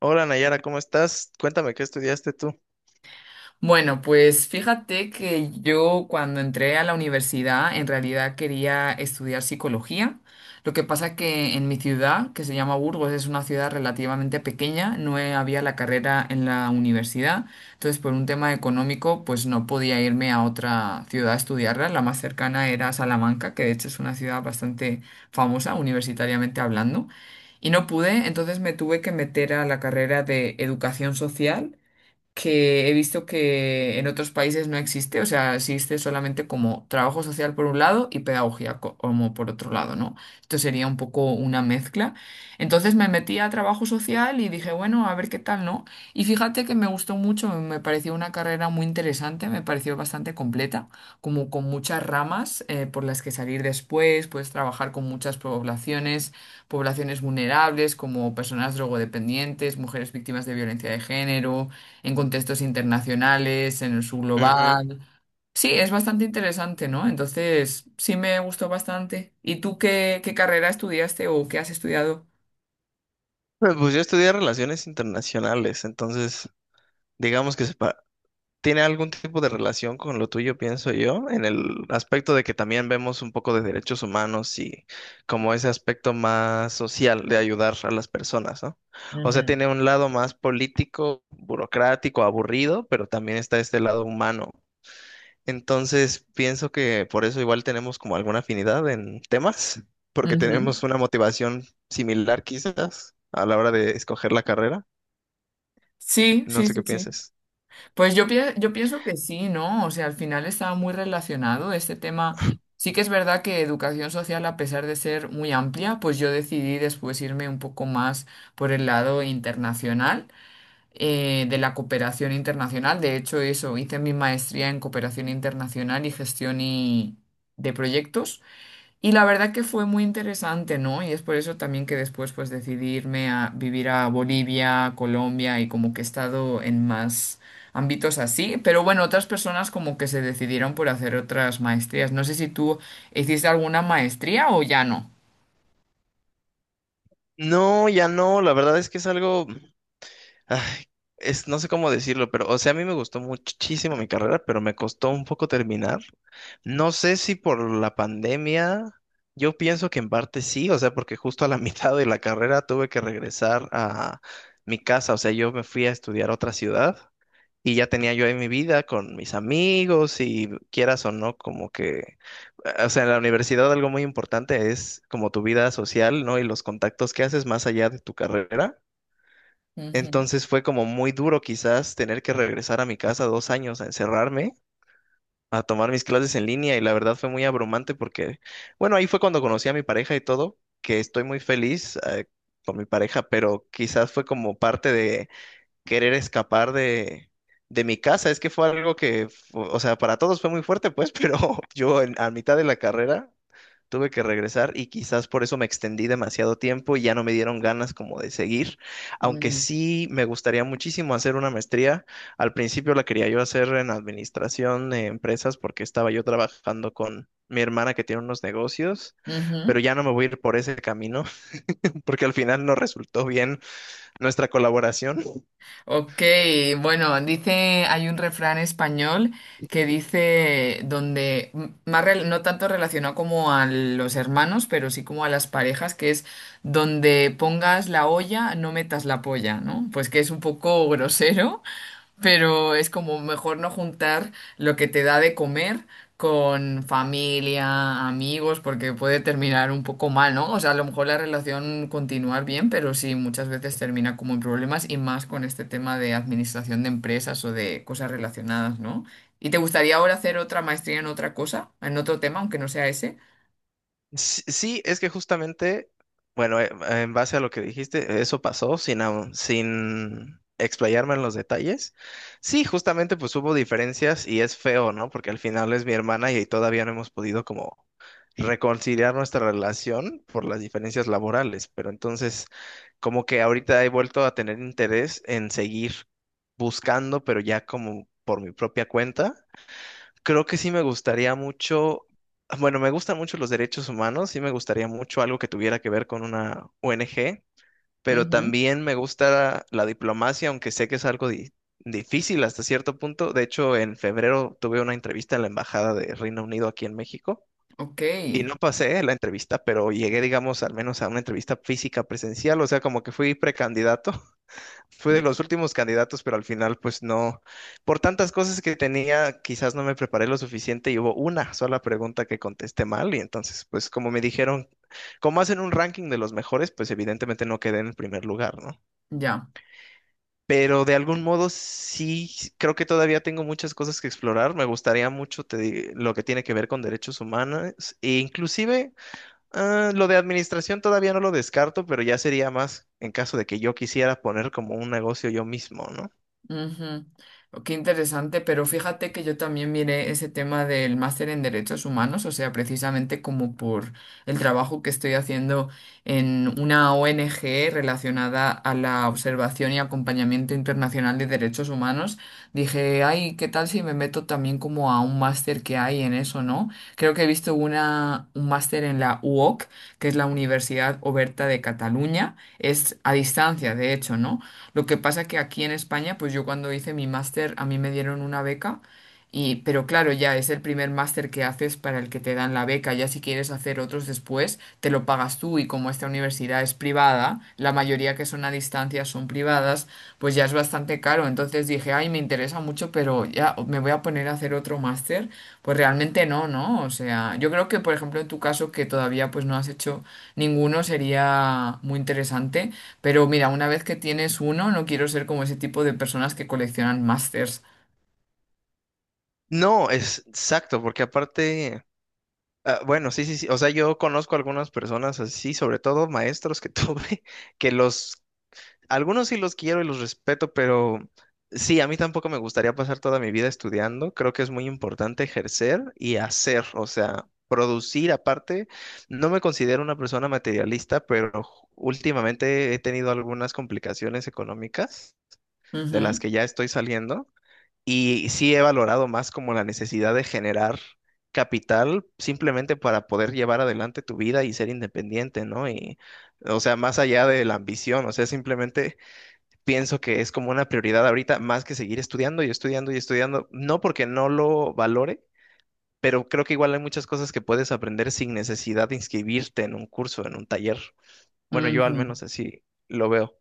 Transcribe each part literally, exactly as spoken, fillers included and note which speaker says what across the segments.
Speaker 1: Hola Nayara, ¿cómo estás? Cuéntame, ¿qué estudiaste tú? Ujú.
Speaker 2: Bueno, pues fíjate que yo cuando entré a la universidad en realidad quería estudiar psicología. Lo que pasa que en mi ciudad, que se llama Burgos, es una ciudad relativamente pequeña, no he- había la carrera en la universidad. Entonces, por un tema económico, pues no podía irme a otra ciudad a estudiarla. La más cercana era Salamanca, que de hecho es una ciudad bastante famosa universitariamente hablando. Y no pude, entonces me tuve que meter a la carrera de educación social que he visto que en otros países no existe, o sea, existe solamente como trabajo social por un lado y pedagogía co- como por otro lado, ¿no? Esto sería un poco una mezcla. Entonces me metí a trabajo social y dije, bueno, a ver qué tal, ¿no? Y fíjate que me gustó mucho, me pareció una carrera muy interesante, me pareció bastante completa, como con muchas ramas eh, por las que salir después, puedes trabajar con muchas poblaciones, poblaciones vulnerables como personas drogodependientes, mujeres víctimas de violencia de género en contextos internacionales, en el
Speaker 1: Eh,
Speaker 2: subglobal. Sí, es bastante interesante, ¿no? Entonces, sí me gustó bastante. ¿Y tú qué, qué carrera estudiaste o qué has estudiado?
Speaker 1: Pues yo estudié relaciones internacionales, entonces digamos que se pa- tiene algún tipo de relación con lo tuyo, pienso yo, en el aspecto de que también vemos un poco de derechos humanos y como ese aspecto más social de ayudar a las personas, ¿no? O
Speaker 2: Ujú.
Speaker 1: sea, tiene un lado más político, burocrático, aburrido, pero también está este lado humano. Entonces, pienso que por eso igual tenemos como alguna afinidad en temas, porque
Speaker 2: Ujú.
Speaker 1: tenemos una motivación similar quizás a la hora de escoger la carrera.
Speaker 2: Sí,
Speaker 1: No
Speaker 2: sí,
Speaker 1: sé
Speaker 2: sí,
Speaker 1: qué
Speaker 2: sí.
Speaker 1: pienses.
Speaker 2: Pues yo, pie- yo pienso que sí, ¿no? O sea, al final estaba muy relacionado este tema. Sí que es verdad que educación social, a pesar de ser muy amplia, pues yo decidí después irme un poco más por el lado internacional. Eh, de la cooperación internacional. De hecho, eso, hice mi maestría en cooperación internacional y gestión y- de proyectos. Y la verdad que fue muy interesante, ¿no? Y es por eso también que después pues decidí irme a vivir a Bolivia, Colombia y como que he estado en más ámbitos así. Pero bueno, otras personas como que se decidieron por hacer otras maestrías. No sé si tú hiciste alguna maestría o ya no.
Speaker 1: No, ya no, la verdad es que es algo, ay, es, no sé cómo decirlo, pero o sea, a mí me gustó muchísimo mi carrera, pero me costó un poco terminar. No sé si por la pandemia, yo pienso que en parte sí, o sea, porque justo a la mitad de la carrera tuve que regresar a mi casa, o sea, yo me fui a estudiar a otra ciudad. Y ya tenía yo ahí mi vida con mis amigos y quieras o no, como que, o sea, en la universidad algo muy importante es como tu vida social, ¿no? Y los contactos que haces más allá de tu carrera.
Speaker 2: Ujú.
Speaker 1: Entonces fue como muy duro quizás tener que regresar a mi casa dos años a encerrarme, a tomar mis clases en línea y la verdad fue muy abrumante porque, bueno, ahí fue cuando conocí a mi pareja y todo, que estoy muy feliz, eh, con mi pareja, pero quizás fue como parte de querer escapar de, de mi casa. Es que fue algo que, fu- o sea, para todos fue muy fuerte, pues, pero yo en- a mitad de la carrera tuve que regresar y quizás por eso me extendí demasiado tiempo y ya no me dieron ganas como de seguir, aunque
Speaker 2: Mm.
Speaker 1: sí me gustaría muchísimo hacer una maestría. Al principio la quería yo hacer en administración de empresas porque estaba yo trabajando con mi hermana, que tiene unos negocios, pero
Speaker 2: Ujú.
Speaker 1: ya no me voy a ir por ese camino porque al final no resultó bien nuestra colaboración.
Speaker 2: Ok, bueno, dice, hay un refrán español que dice donde, m- más rel- no tanto relacionado como a los hermanos, pero sí como a las parejas, que es donde pongas la olla, no metas la polla, ¿no? Pues que es un poco grosero, pero es como mejor no juntar lo que te da de comer con familia, amigos, porque puede terminar un poco mal, ¿no? O sea, a lo mejor la relación continuar bien, pero sí, muchas veces termina como en problemas y más con este tema de administración de empresas o de cosas relacionadas, ¿no? ¿Y te gustaría ahora hacer otra maestría en otra cosa, en otro tema, aunque no sea ese?
Speaker 1: Sí, sí, es que justamente, bueno, eh, en base a lo que dijiste, eso pasó sin, au- sin explayarme en los detalles. Sí, justamente pues hubo diferencias y es feo, ¿no? Porque al final es mi hermana y todavía no hemos podido como reconciliar nuestra relación por las diferencias laborales, pero entonces como que ahorita he vuelto a tener interés en seguir buscando, pero ya como por mi propia cuenta. Creo que sí me gustaría mucho, bueno, me gustan mucho los derechos humanos, sí me gustaría mucho algo que tuviera que ver con una O N G, pero
Speaker 2: Ujú.
Speaker 1: también me gusta la diplomacia, aunque sé que es algo di- difícil hasta cierto punto. De hecho, en febrero tuve una entrevista en la Embajada de Reino Unido aquí en México
Speaker 2: Ok,
Speaker 1: y no pasé la entrevista, pero llegué, digamos, al menos a una entrevista física presencial, o sea, como que fui precandidato. Fui de los últimos candidatos, pero al final, pues no. Por tantas cosas que tenía, quizás no me preparé lo suficiente y hubo una sola pregunta que contesté mal. Y entonces, pues como me dijeron, como hacen un ranking de los mejores, pues evidentemente no quedé en el primer lugar, ¿no?
Speaker 2: ya.
Speaker 1: Pero de algún modo sí, creo que todavía tengo muchas cosas que explorar. Me gustaría mucho, te di- lo que tiene que ver con derechos humanos e inclusive, ah, lo de administración todavía no lo descarto, pero ya sería más en caso de que yo quisiera poner como un negocio yo mismo, ¿no?
Speaker 2: Ujú. Oh, qué interesante, pero fíjate que yo también miré ese tema del máster en derechos humanos, o sea, precisamente como por el trabajo que estoy haciendo en una O N G relacionada a la observación y acompañamiento internacional de derechos humanos, dije, ay, ¿qué tal si me meto también como a un máster que hay en eso, ¿no? Creo que he visto una, un máster en la U O C, que es la Universidad Oberta de Cataluña, es a distancia, de hecho, ¿no? Lo que pasa que aquí en España, pues yo cuando hice mi máster, a mí me dieron una beca y, pero claro, ya es el primer máster que haces para el que te dan la beca. Ya si quieres hacer otros después, te lo pagas tú y como esta universidad es privada, la mayoría que son a distancia son privadas, pues ya es bastante caro. Entonces dije, ay, me interesa mucho, pero ya me voy a poner a hacer otro máster. Pues realmente no, ¿no? O sea, yo creo que, por ejemplo, en tu caso, que todavía pues no has hecho ninguno, sería muy interesante. Pero mira, una vez que tienes uno, no quiero ser como ese tipo de personas que coleccionan masters.
Speaker 1: No, es exacto, porque aparte, ah, bueno, sí, sí, sí, o sea, yo conozco algunas personas así, sobre todo maestros que tuve, que los, algunos sí los quiero y los respeto, pero sí, a mí tampoco me gustaría pasar toda mi vida estudiando. Creo que es muy importante ejercer y hacer, o sea, producir aparte. No me considero una persona materialista, pero últimamente he tenido algunas complicaciones económicas de las
Speaker 2: Ujú,
Speaker 1: que ya estoy saliendo. Y sí he valorado más como la necesidad de generar capital simplemente para poder llevar adelante tu vida y ser independiente, ¿no? Y, o sea, más allá de la ambición, o sea, simplemente pienso que es como una prioridad ahorita más que seguir estudiando y estudiando y estudiando, no porque no lo valore, pero creo que igual hay muchas cosas que puedes aprender sin necesidad de inscribirte en un curso, en un taller. Bueno, yo
Speaker 2: ujú.
Speaker 1: al menos así lo veo.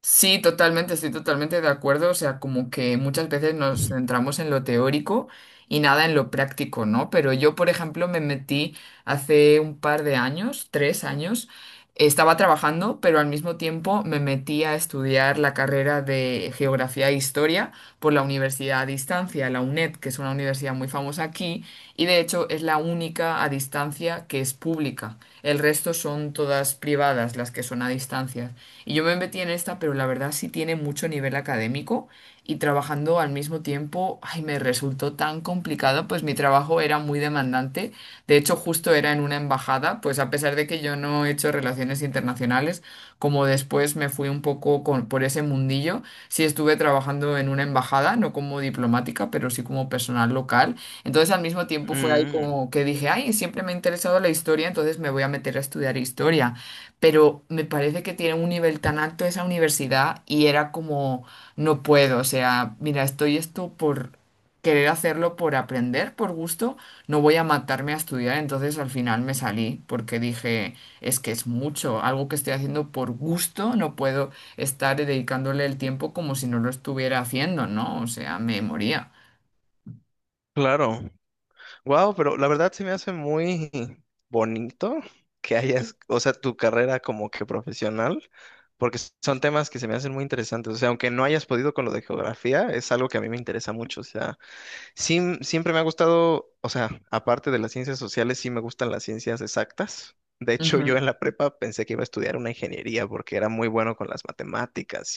Speaker 2: Sí, totalmente, estoy totalmente de acuerdo. O sea, como que muchas veces nos centramos en lo teórico y nada en lo práctico, ¿no? Pero yo, por ejemplo, me metí hace un par de años, tres años, estaba trabajando, pero al mismo tiempo me metí a estudiar la carrera de Geografía e Historia por la Universidad a Distancia, la UNED, que es una universidad muy famosa aquí y de hecho es la única a distancia que es pública. El resto son todas privadas, las que son a distancia. Y yo me metí en esta, pero la verdad sí tiene mucho nivel académico y trabajando al mismo tiempo, ay, me resultó tan complicado, pues mi trabajo era muy demandante. De hecho, justo era en una embajada, pues a pesar de que yo no he hecho relaciones internacionales, como después me fui un poco con- por ese mundillo, sí estuve trabajando en una embajada, no como diplomática, pero sí como personal local. Entonces al mismo tiempo fue ahí
Speaker 1: Mm,
Speaker 2: como que dije, ay, siempre me ha interesado la historia, entonces me voy a meter a estudiar historia, pero me parece que tiene un nivel tan alto esa universidad y era como, no puedo, o sea, mira, estoy esto por querer hacerlo, por aprender, por gusto, no voy a matarme a estudiar, entonces al final me salí porque dije, es que es mucho, algo que estoy haciendo por gusto, no puedo estar dedicándole el tiempo como si no lo estuviera haciendo, ¿no? O sea, me moría.
Speaker 1: claro. Wow, pero la verdad se me hace muy bonito que hayas, o sea, tu carrera como que profesional, porque s- son temas que se me hacen muy interesantes. O sea, aunque no hayas podido con lo de geografía, es algo que a mí me interesa mucho. O sea, sí, m- siempre me ha gustado, o sea, aparte de las ciencias sociales, sí me gustan las ciencias exactas. De hecho, yo en la prepa pensé que iba a estudiar una ingeniería porque era muy bueno con las matemáticas.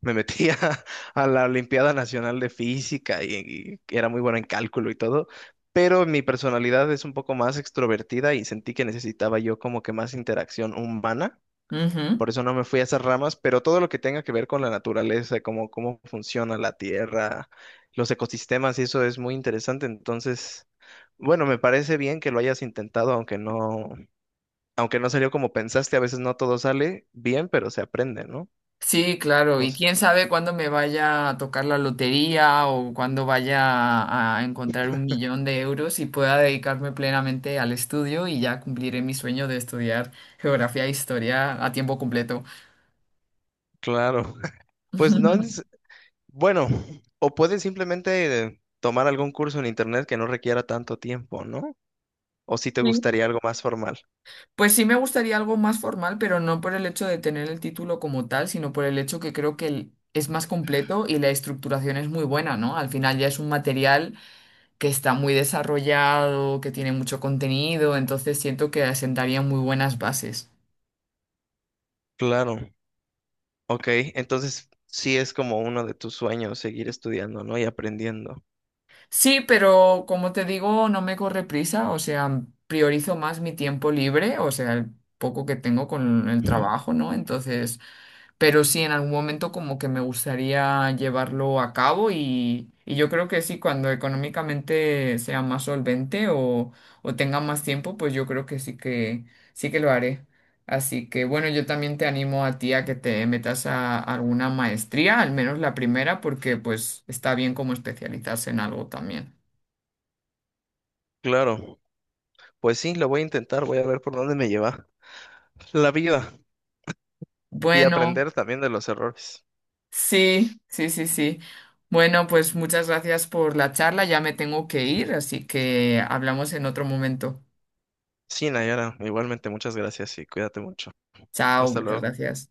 Speaker 1: Me metí a, a la Olimpiada Nacional de Física y, y era muy bueno en cálculo y todo, pero mi personalidad es un poco más extrovertida y sentí que necesitaba yo como que más interacción humana.
Speaker 2: Ujú, ujú.
Speaker 1: Por eso no me fui a esas ramas, pero todo lo que tenga que ver con la naturaleza, como cómo funciona la tierra, los ecosistemas, y eso es muy interesante. Entonces, bueno, me parece bien que lo hayas intentado. Aunque no, aunque no, salió como pensaste, a veces no todo sale bien, pero se aprende, ¿no?
Speaker 2: Sí, claro,
Speaker 1: No
Speaker 2: y
Speaker 1: sé.
Speaker 2: quién sabe cuándo me vaya a tocar la lotería o cuándo vaya a encontrar un millón de euros y pueda dedicarme plenamente al estudio y ya cumpliré mi sueño de estudiar geografía e historia a tiempo completo.
Speaker 1: Claro. Pues no. Bueno, o puedes simplemente tomar algún curso en internet que no requiera tanto tiempo, ¿no? O si te
Speaker 2: Sí.
Speaker 1: gustaría algo más formal.
Speaker 2: Pues sí me gustaría algo más formal, pero no por el hecho de tener el título como tal, sino por el hecho que creo que el- es más completo y la estructuración es muy buena, ¿no? Al final ya es un material que está muy desarrollado, que tiene mucho contenido, entonces siento que asentaría muy buenas bases.
Speaker 1: Claro, ok, entonces sí es como uno de tus sueños seguir estudiando, ¿no? Y aprendiendo.
Speaker 2: Sí, pero como te digo, no me corre prisa, o sea, priorizo más mi tiempo libre, o sea, el poco que tengo con el trabajo, ¿no? Entonces... Pero sí, en algún momento como que me gustaría llevarlo a cabo y, y yo creo que sí, cuando económicamente sea más solvente o, o tenga más tiempo, pues yo creo que sí que sí que lo haré. Así que bueno, yo también te animo a ti a que te metas a alguna maestría, al menos la primera, porque pues está bien como especializarse en algo también.
Speaker 1: Claro, pues sí, lo voy a intentar, voy a ver por dónde me lleva la vida y
Speaker 2: Bueno,
Speaker 1: aprender también de los errores.
Speaker 2: sí, sí, sí, sí. Bueno, pues muchas gracias por la charla, ya me tengo que ir, así que hablamos en otro momento.
Speaker 1: Sí, Nayara, igualmente muchas gracias y cuídate mucho.
Speaker 2: Chao,
Speaker 1: Hasta
Speaker 2: muchas
Speaker 1: luego.
Speaker 2: gracias.